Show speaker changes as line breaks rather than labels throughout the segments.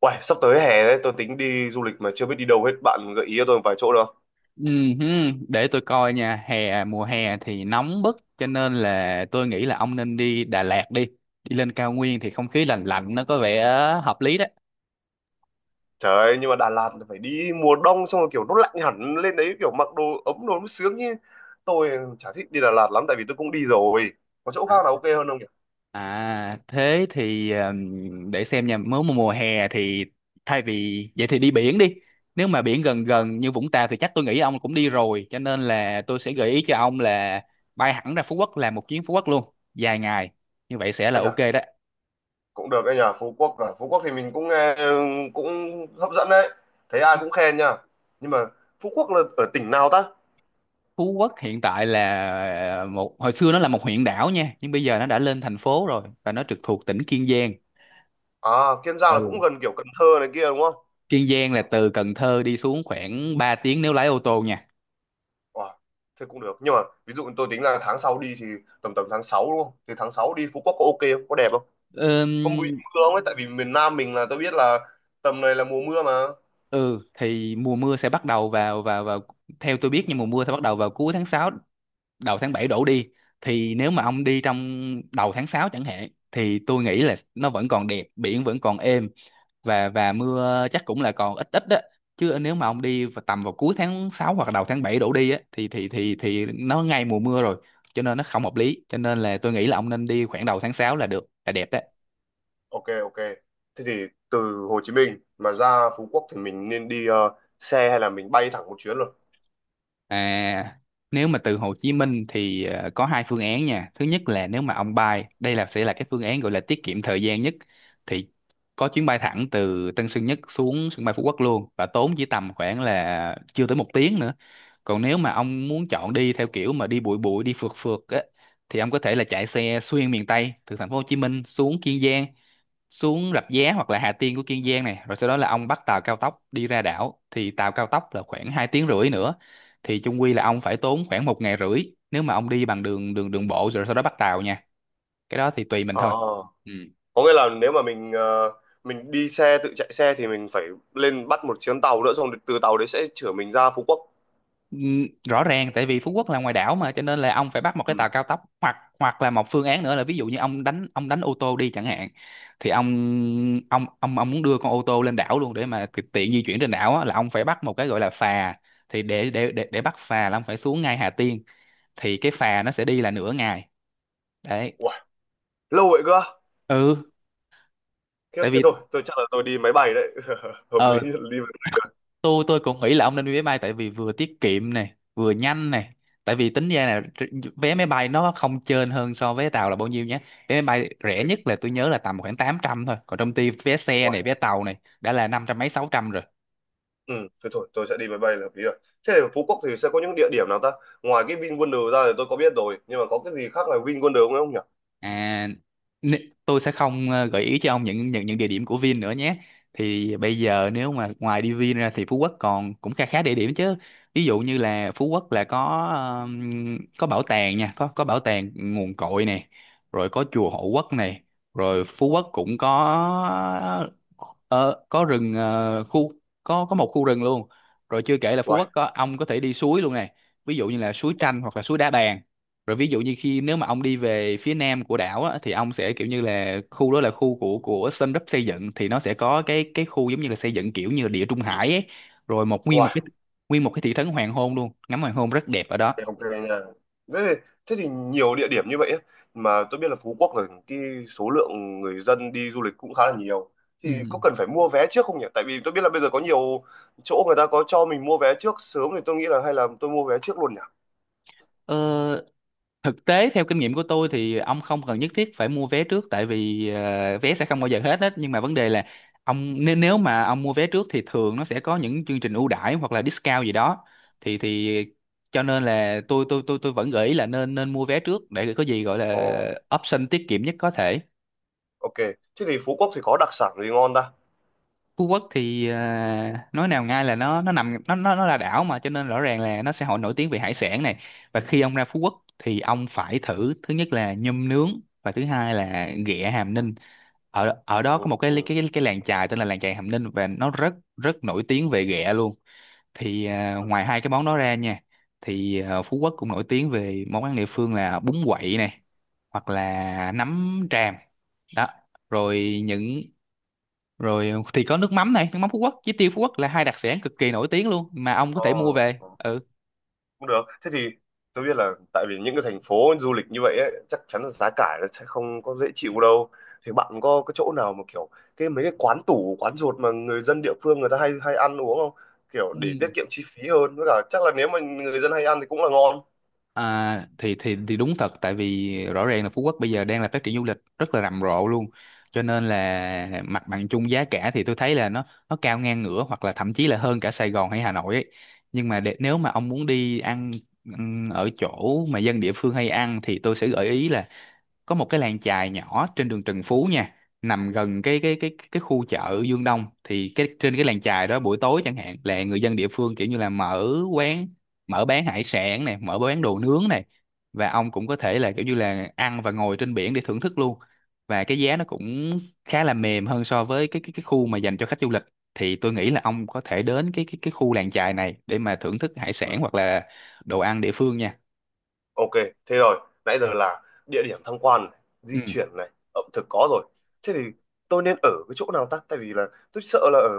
Uầy, sắp tới hè đấy, tôi tính đi du lịch mà chưa biết đi đâu hết. Bạn gợi ý cho tôi một vài chỗ được không?
Ừm, Để tôi coi nha, mùa hè thì nóng bức cho nên là tôi nghĩ là ông nên đi Đà Lạt đi. Đi lên cao nguyên thì không khí lành lạnh nó có vẻ hợp lý đấy.
Trời ơi, nhưng mà Đà Lạt là phải đi mùa đông xong rồi kiểu nó lạnh hẳn lên đấy kiểu mặc đồ ấm đồ mới sướng chứ. Tôi chả thích đi Đà Lạt lắm tại vì tôi cũng đi rồi. Có chỗ khác
À,
nào ok hơn không nhỉ?
à, thế thì để xem nha, nếu mà mùa hè thì thay vì vậy thì đi biển đi. Nếu mà biển gần
Ờ.
gần như Vũng Tàu thì chắc tôi nghĩ ông cũng đi rồi, cho nên là tôi sẽ gợi ý cho ông là bay hẳn ra Phú Quốc, làm một chuyến Phú Quốc luôn, dài ngày. Như vậy sẽ là
Ây chà,
ok đó.
cũng được đấy nhỉ, Phú Quốc à. Phú Quốc thì mình cũng nghe cũng hấp dẫn đấy. Thấy ai cũng khen nha. Nhưng mà Phú Quốc là ở tỉnh nào ta?
Phú Quốc hiện tại là một hồi xưa nó là một huyện đảo nha, nhưng bây giờ nó đã lên thành phố rồi và nó trực thuộc tỉnh Kiên Giang.
À, Kiên Giang là
Ừ,
cũng gần kiểu Cần Thơ này kia đúng không?
Kiên Giang là từ Cần Thơ đi xuống khoảng 3 tiếng nếu lái ô tô nha.
Wow, thế cũng được. Nhưng mà ví dụ tôi tính là tháng sau đi thì tầm tầm tháng 6 đúng không? Thì tháng 6 đi Phú Quốc có ok không? Có đẹp không? Có bị
Ừm,
mưa không ấy? Tại vì miền Nam mình là tôi biết là tầm này là mùa mưa mà.
ừ thì mùa mưa sẽ bắt đầu vào vào vào theo tôi biết, nhưng mùa mưa sẽ bắt đầu vào cuối tháng 6, đầu tháng 7 đổ đi. Thì nếu mà ông đi trong đầu tháng 6 chẳng hạn thì tôi nghĩ là nó vẫn còn đẹp, biển vẫn còn êm, và mưa chắc cũng là còn ít ít đó. Chứ nếu mà ông đi vào tầm, vào cuối tháng 6 hoặc đầu tháng 7 đổ đi á, thì nó ngay mùa mưa rồi, cho nên nó không hợp lý, cho nên là tôi nghĩ là ông nên đi khoảng đầu tháng 6 là được, là đẹp đó.
Ok, ok. Thế thì từ Hồ Chí Minh mà ra Phú Quốc thì mình nên đi xe hay là mình bay thẳng một chuyến luôn?
À, nếu mà từ Hồ Chí Minh thì có hai phương án nha. Thứ nhất là nếu mà ông bay, đây là sẽ là cái phương án gọi là tiết kiệm thời gian nhất, thì có chuyến bay thẳng từ Tân Sơn Nhất xuống sân bay Phú Quốc luôn, và tốn chỉ tầm khoảng là chưa tới một tiếng nữa. Còn nếu mà ông muốn chọn đi theo kiểu mà đi bụi bụi, đi phượt phượt á, thì ông có thể là chạy xe xuyên miền Tây từ thành phố Hồ Chí Minh xuống Kiên Giang, xuống Rạch Giá hoặc là Hà Tiên của Kiên Giang này, rồi sau đó là ông bắt tàu cao tốc đi ra đảo, thì tàu cao tốc là khoảng 2 tiếng rưỡi nữa. Thì chung quy là ông phải tốn khoảng một ngày rưỡi nếu mà ông đi bằng đường đường đường bộ rồi sau đó bắt tàu nha. Cái đó thì tùy mình
Ờ.
thôi. Ừ.
Có nghĩa là nếu mà mình mình đi xe tự chạy xe thì mình phải lên bắt một chuyến tàu nữa xong từ tàu đấy sẽ chở mình ra Phú Quốc.
Ừ, rõ ràng tại vì Phú Quốc là ngoài đảo mà, cho nên là ông phải bắt một
Ừ.
cái tàu cao tốc. Hoặc hoặc là một phương án nữa là, ví dụ như ông đánh ô tô đi chẳng hạn, thì ông muốn đưa con ô tô lên đảo luôn để mà tiện di chuyển trên đảo á, là ông phải bắt một cái gọi là phà. Thì để bắt phà là ông phải xuống ngay Hà Tiên. Thì cái phà nó sẽ đi là nửa ngày đấy.
Wow, lâu vậy cơ.
Ừ,
Khiếp
tại
thế
vì
thôi, tôi chắc là tôi đi máy bay đấy. Hợp
ờ
lý, hợp lý.
tôi cũng nghĩ là ông nên đi máy bay, tại vì vừa tiết kiệm này vừa nhanh này. Tại vì tính ra là vé máy bay nó không chênh hơn so với tàu là bao nhiêu nhé. Vé máy bay rẻ
Ok.
nhất là tôi nhớ là tầm khoảng 800 thôi, còn trong khi vé xe
Wow.
này, vé tàu này, đã là 500 mấy 600 rồi.
Ừ, thế thôi, tôi sẽ đi máy bay là hợp lý rồi. Thế thì ở Phú Quốc thì sẽ có những địa điểm nào ta? Ngoài cái VinWonder ra thì tôi có biết rồi, nhưng mà có cái gì khác là VinWonder không không nhỉ?
À, tôi sẽ không gợi ý cho ông những địa điểm của Vin nữa nhé. Thì bây giờ nếu mà ngoài đi Vin ra thì Phú Quốc còn cũng khá khá địa điểm chứ. Ví dụ như là Phú Quốc là có bảo tàng nha, có bảo tàng nguồn cội này, rồi có chùa Hộ Quốc này, rồi Phú Quốc cũng có ờ, có rừng ờ, khu có một khu rừng luôn. Rồi chưa kể là Phú
Wow.
Quốc có, ông có thể đi suối luôn này. Ví dụ như là suối Tranh hoặc là suối Đá Bàn. Rồi ví dụ như khi, nếu mà ông đi về phía nam của đảo á, thì ông sẽ kiểu như là, khu đó là khu của Sun Group xây dựng, thì nó sẽ có cái khu giống như là xây dựng kiểu như là địa trung hải ấy, rồi một
Wow.
nguyên một cái thị trấn hoàng hôn luôn, ngắm hoàng hôn rất đẹp ở đó.
Ok nha. Thế thì, thế thì nhiều địa điểm như vậy ấy. Mà tôi biết là Phú Quốc là cái số lượng người dân đi du lịch cũng khá là nhiều. Thì
Ừ.
có cần phải mua vé trước không nhỉ? Tại vì tôi biết là bây giờ có nhiều chỗ người ta có cho mình mua vé trước sớm thì tôi nghĩ là hay là tôi mua vé trước luôn nhỉ?
Ờ, thực tế theo kinh nghiệm của tôi thì ông không cần nhất thiết phải mua vé trước, tại vì vé sẽ không bao giờ hết hết. Nhưng mà vấn đề là ông, nếu nếu mà ông mua vé trước thì thường nó sẽ có những chương trình ưu đãi hoặc là discount gì đó. Thì cho nên là tôi vẫn gợi ý là nên nên mua vé trước để có gì gọi là
Ồ.
option tiết kiệm nhất có thể.
Ok, thế thì Phú Quốc thì có đặc sản gì ngon ta?
Phú Quốc thì nói nào ngay là nó nằm nó là đảo mà, cho nên rõ ràng là nó sẽ hội nổi tiếng về hải sản này. Và khi ông ra Phú Quốc thì ông phải thử, thứ nhất là nhum nướng và thứ hai là ghẹ Hàm Ninh. Ở ở đó
Ừ,
có một cái
ừ,
cái cái làng chài tên là làng chài Hàm Ninh, và nó rất rất nổi tiếng về ghẹ luôn. Thì
ừ.
ngoài hai cái món đó ra nha, thì Phú Quốc cũng nổi tiếng về món ăn địa phương là bún quậy này, hoặc là nấm tràm đó. Rồi những, rồi thì có nước mắm này, nước mắm Phú Quốc với tiêu Phú Quốc là hai đặc sản cực kỳ nổi tiếng luôn mà ông có
Ờ,
thể mua về.
ờ,
Ừ.
cũng được. Thế thì tôi biết là tại vì những cái thành phố du lịch như vậy ấy, chắc chắn là giá cả nó sẽ không có dễ chịu đâu. Thì bạn có cái chỗ nào mà kiểu cái mấy cái quán tủ, quán ruột mà người dân địa phương người ta hay hay ăn uống không? Kiểu để tiết
Ừ.
kiệm chi phí hơn. Với cả chắc là nếu mà người dân hay ăn thì cũng là ngon.
À, thì đúng thật, tại vì rõ ràng là Phú Quốc bây giờ đang là phát triển du lịch rất là rầm rộ luôn, cho nên là mặt bằng chung giá cả thì tôi thấy là nó cao ngang ngửa hoặc là thậm chí là hơn cả Sài Gòn hay Hà Nội ấy. Nhưng mà, để, nếu mà ông muốn đi ăn ở chỗ mà dân địa phương hay ăn, thì tôi sẽ gợi ý là có một cái làng chài nhỏ trên đường Trần Phú nha, nằm gần cái khu chợ Dương Đông. Thì cái, trên cái làng chài đó buổi tối chẳng hạn, là người dân địa phương kiểu như là mở quán, mở bán hải sản này, mở bán đồ nướng này. Và ông cũng có thể là kiểu như là ăn và ngồi trên biển để thưởng thức luôn. Và cái giá nó cũng khá là mềm hơn so với cái khu mà dành cho khách du lịch. Thì tôi nghĩ là ông có thể đến cái khu làng chài này để mà thưởng thức hải sản hoặc là đồ ăn địa phương nha.
Ok, thế rồi, nãy giờ là địa điểm tham quan này,
Ừ.
di chuyển này, ẩm thực có rồi. Thế thì tôi nên ở cái chỗ nào ta? Tại vì là tôi sợ là ở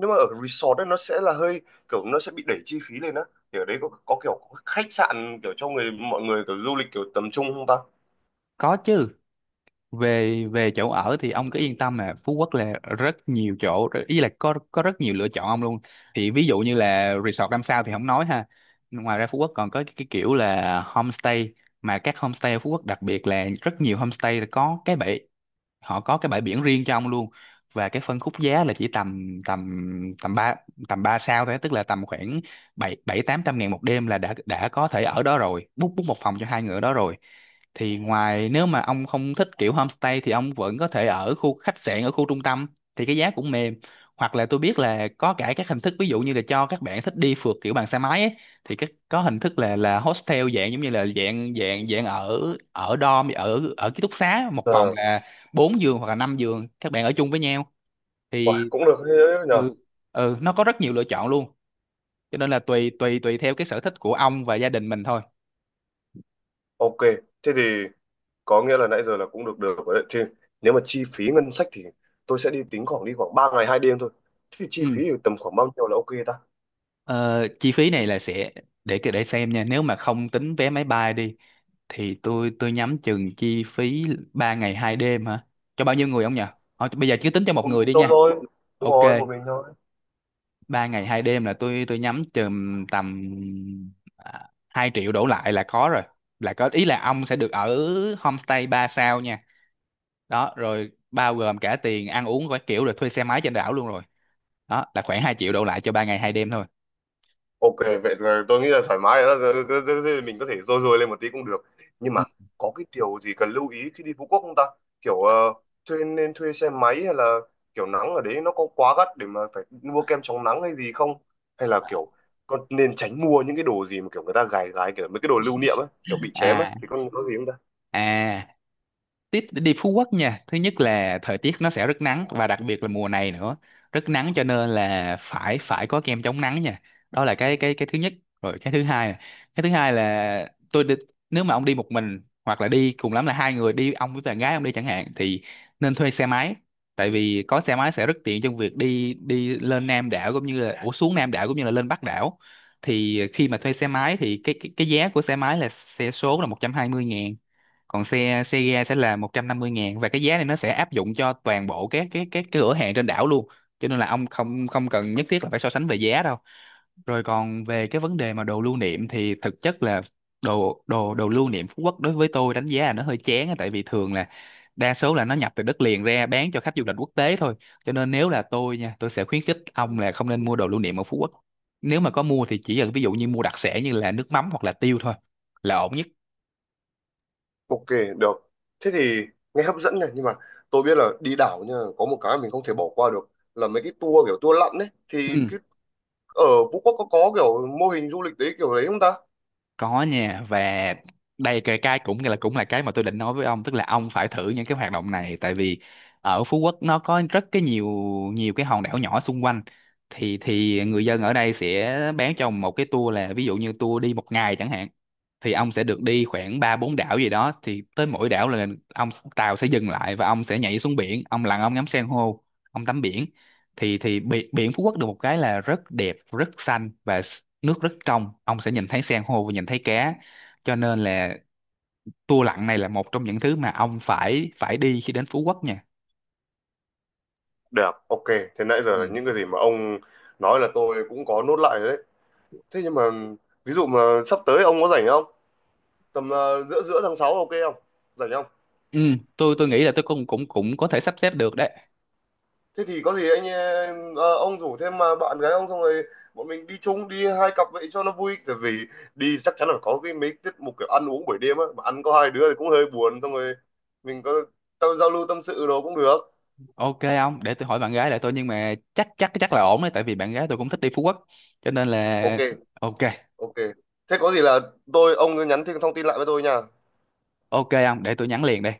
nếu mà ở resort ấy, nó sẽ là hơi kiểu nó sẽ bị đẩy chi phí lên á. Thì ở đấy có kiểu khách sạn kiểu cho người mọi người kiểu du lịch kiểu tầm trung không ta?
Có chứ. Về về chỗ ở thì ông cứ yên tâm là Phú Quốc là rất nhiều chỗ, ý là có rất nhiều lựa chọn ông luôn. Thì ví dụ như là resort 5 sao thì không nói ha. Ngoài ra Phú Quốc còn có cái kiểu là homestay, mà các homestay ở Phú Quốc đặc biệt là rất nhiều homestay có cái bể, họ có cái bãi biển riêng cho ông luôn. Và cái phân khúc giá là chỉ tầm tầm tầm ba tầm 3 sao thôi, tức là tầm khoảng bảy bảy 800 nghìn một đêm là đã có thể ở đó rồi, book book một phòng cho hai người ở đó rồi. Thì ngoài, nếu mà ông không thích kiểu homestay thì ông vẫn có thể ở khu khách sạn, ở khu trung tâm thì cái giá cũng mềm. Hoặc là tôi biết là có cả các hình thức, ví dụ như là cho các bạn thích đi phượt kiểu bằng xe máy ấy, thì cái có hình thức là hostel, dạng giống như là dạng dạng dạng ở ở dorm, ở ở ký túc xá, một phòng
À,
là 4 giường hoặc là 5 giường, các bạn ở chung với nhau.
uầy,
Thì
cũng được thế đấy nhờ.
ừ, ừ nó có rất nhiều lựa chọn luôn, cho nên là tùy tùy tùy theo cái sở thích của ông và gia đình mình thôi.
Ok, thế thì có nghĩa là nãy giờ là cũng được được rồi đấy. Thì nếu mà chi phí ngân sách thì tôi sẽ đi tính khoảng đi khoảng 3 ngày 2 đêm thôi. Thế thì chi
Ừ.
phí thì tầm khoảng bao nhiêu là ok ta?
Ờ, chi phí này là sẽ để xem nha. Nếu mà không tính vé máy bay đi thì tôi nhắm chừng chi phí 3 ngày 2 đêm hả, cho bao nhiêu người ông nhỉ? Ờ, bây giờ cứ tính cho một
Một
người
mình
đi
tôi
nha.
thôi. Đúng
Ok,
rồi, một mình thôi.
3 ngày 2 đêm là tôi nhắm chừng tầm à, 2 triệu đổ lại là có rồi, là có ý là ông sẽ được ở homestay 3 sao nha. Đó rồi bao gồm cả tiền ăn uống và kiểu rồi thuê xe máy trên đảo luôn rồi. Đó là khoảng 2 triệu đổ lại cho 3 ngày 2 đêm thôi.
Ok, vậy là tôi nghĩ là thoải mái rồi đó. Thế mình có thể rôi rôi lên một tí cũng được. Nhưng mà
Ừ.
có cái điều gì cần lưu ý khi đi Phú Quốc không ta? Kiểu nên thuê xe máy hay là kiểu nắng ở đấy nó có quá gắt để mà phải mua kem chống nắng hay gì không? Hay là kiểu con nên tránh mua những cái đồ gì mà kiểu người ta gài gái kiểu mấy cái đồ lưu niệm á, kiểu bị chém á
à
thì con có gì không ta?
à, Tít đi Phú Quốc nha. Thứ nhất là thời tiết nó sẽ rất nắng và đặc biệt là mùa này nữa. Rất nắng cho nên là phải phải có kem chống nắng nha. Đó là cái thứ nhất. Rồi cái thứ hai này. Cái thứ hai là tôi đi, nếu mà ông đi một mình hoặc là đi cùng lắm là hai người, đi ông với bạn gái ông đi chẳng hạn, thì nên thuê xe máy. Tại vì có xe máy sẽ rất tiện trong việc đi đi lên Nam đảo cũng như là ủa xuống Nam đảo cũng như là lên Bắc đảo. Thì khi mà thuê xe máy thì cái giá của xe máy là xe số là 120.000, còn xe xe ga sẽ là 150.000, và cái giá này nó sẽ áp dụng cho toàn bộ các cái cửa hàng trên đảo luôn. Cho nên là ông không không cần nhất thiết là phải so sánh về giá đâu. Rồi còn về cái vấn đề mà đồ lưu niệm thì thực chất là đồ đồ đồ lưu niệm Phú Quốc đối với tôi đánh giá là nó hơi chán á, tại vì thường là đa số là nó nhập từ đất liền ra bán cho khách du lịch quốc tế thôi. Cho nên nếu là tôi nha, tôi sẽ khuyến khích ông là không nên mua đồ lưu niệm ở Phú Quốc. Nếu mà có mua thì chỉ là ví dụ như mua đặc sản như là nước mắm hoặc là tiêu thôi, là ổn nhất.
Ok, được. Thế thì nghe hấp dẫn này, nhưng mà tôi biết là đi đảo nha, có một cái mình không thể bỏ qua được là mấy cái tour kiểu tour lặn đấy. Thì
Ừ.
cái, ở Phú Quốc có kiểu mô hình du lịch đấy kiểu đấy không ta?
Có nha. Và đây cái cũng là cái mà tôi định nói với ông, tức là ông phải thử những cái hoạt động này. Tại vì ở Phú Quốc nó có rất cái nhiều nhiều cái hòn đảo nhỏ xung quanh, thì người dân ở đây sẽ bán cho ông một cái tour, là ví dụ như tour đi một ngày chẳng hạn, thì ông sẽ được đi khoảng ba bốn đảo gì đó. Thì tới mỗi đảo là ông, tàu sẽ dừng lại và ông sẽ nhảy xuống biển, ông lặn ông ngắm san hô, ông tắm biển. Thì biển Phú Quốc được một cái là rất đẹp, rất xanh và nước rất trong, ông sẽ nhìn thấy san hô và nhìn thấy cá. Cho nên là tour lặn này là một trong những thứ mà ông phải phải đi khi đến Phú Quốc nha.
Được, ok. Thế nãy giờ
Ừ.
là những cái gì mà ông nói là tôi cũng có nốt lại rồi đấy. Thế nhưng mà ví dụ mà sắp tới ông có rảnh không? Tầm giữa giữa tháng 6 ok không? Rảnh không?
Ừ, tôi nghĩ là tôi cũng cũng cũng có thể sắp xếp được đấy.
Thế thì có gì anh ông rủ thêm mà bạn gái ông xong rồi bọn mình đi chung đi hai cặp vậy cho nó vui tại vì đi chắc chắn là có cái mấy tiết mục kiểu ăn uống buổi đêm á mà ăn có hai đứa thì cũng hơi buồn xong rồi mình có tao giao lưu tâm sự đồ cũng được.
Ok, ông để tôi hỏi bạn gái lại tôi, nhưng mà chắc chắc chắc là ổn đấy, tại vì bạn gái tôi cũng thích đi Phú Quốc cho nên là
Ok,
ok.
ok, thế có gì là tôi ông cứ nhắn thêm thông tin lại với tôi nha.
Ok, ông để tôi nhắn liền đây.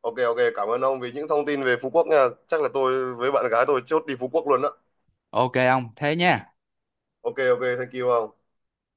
Ok, ok, cảm ơn ông vì những thông tin về Phú Quốc nha, chắc là tôi với bạn gái tôi chốt đi Phú Quốc luôn đó.
Ok ông thế nha.
Ok, ok, thank you ông.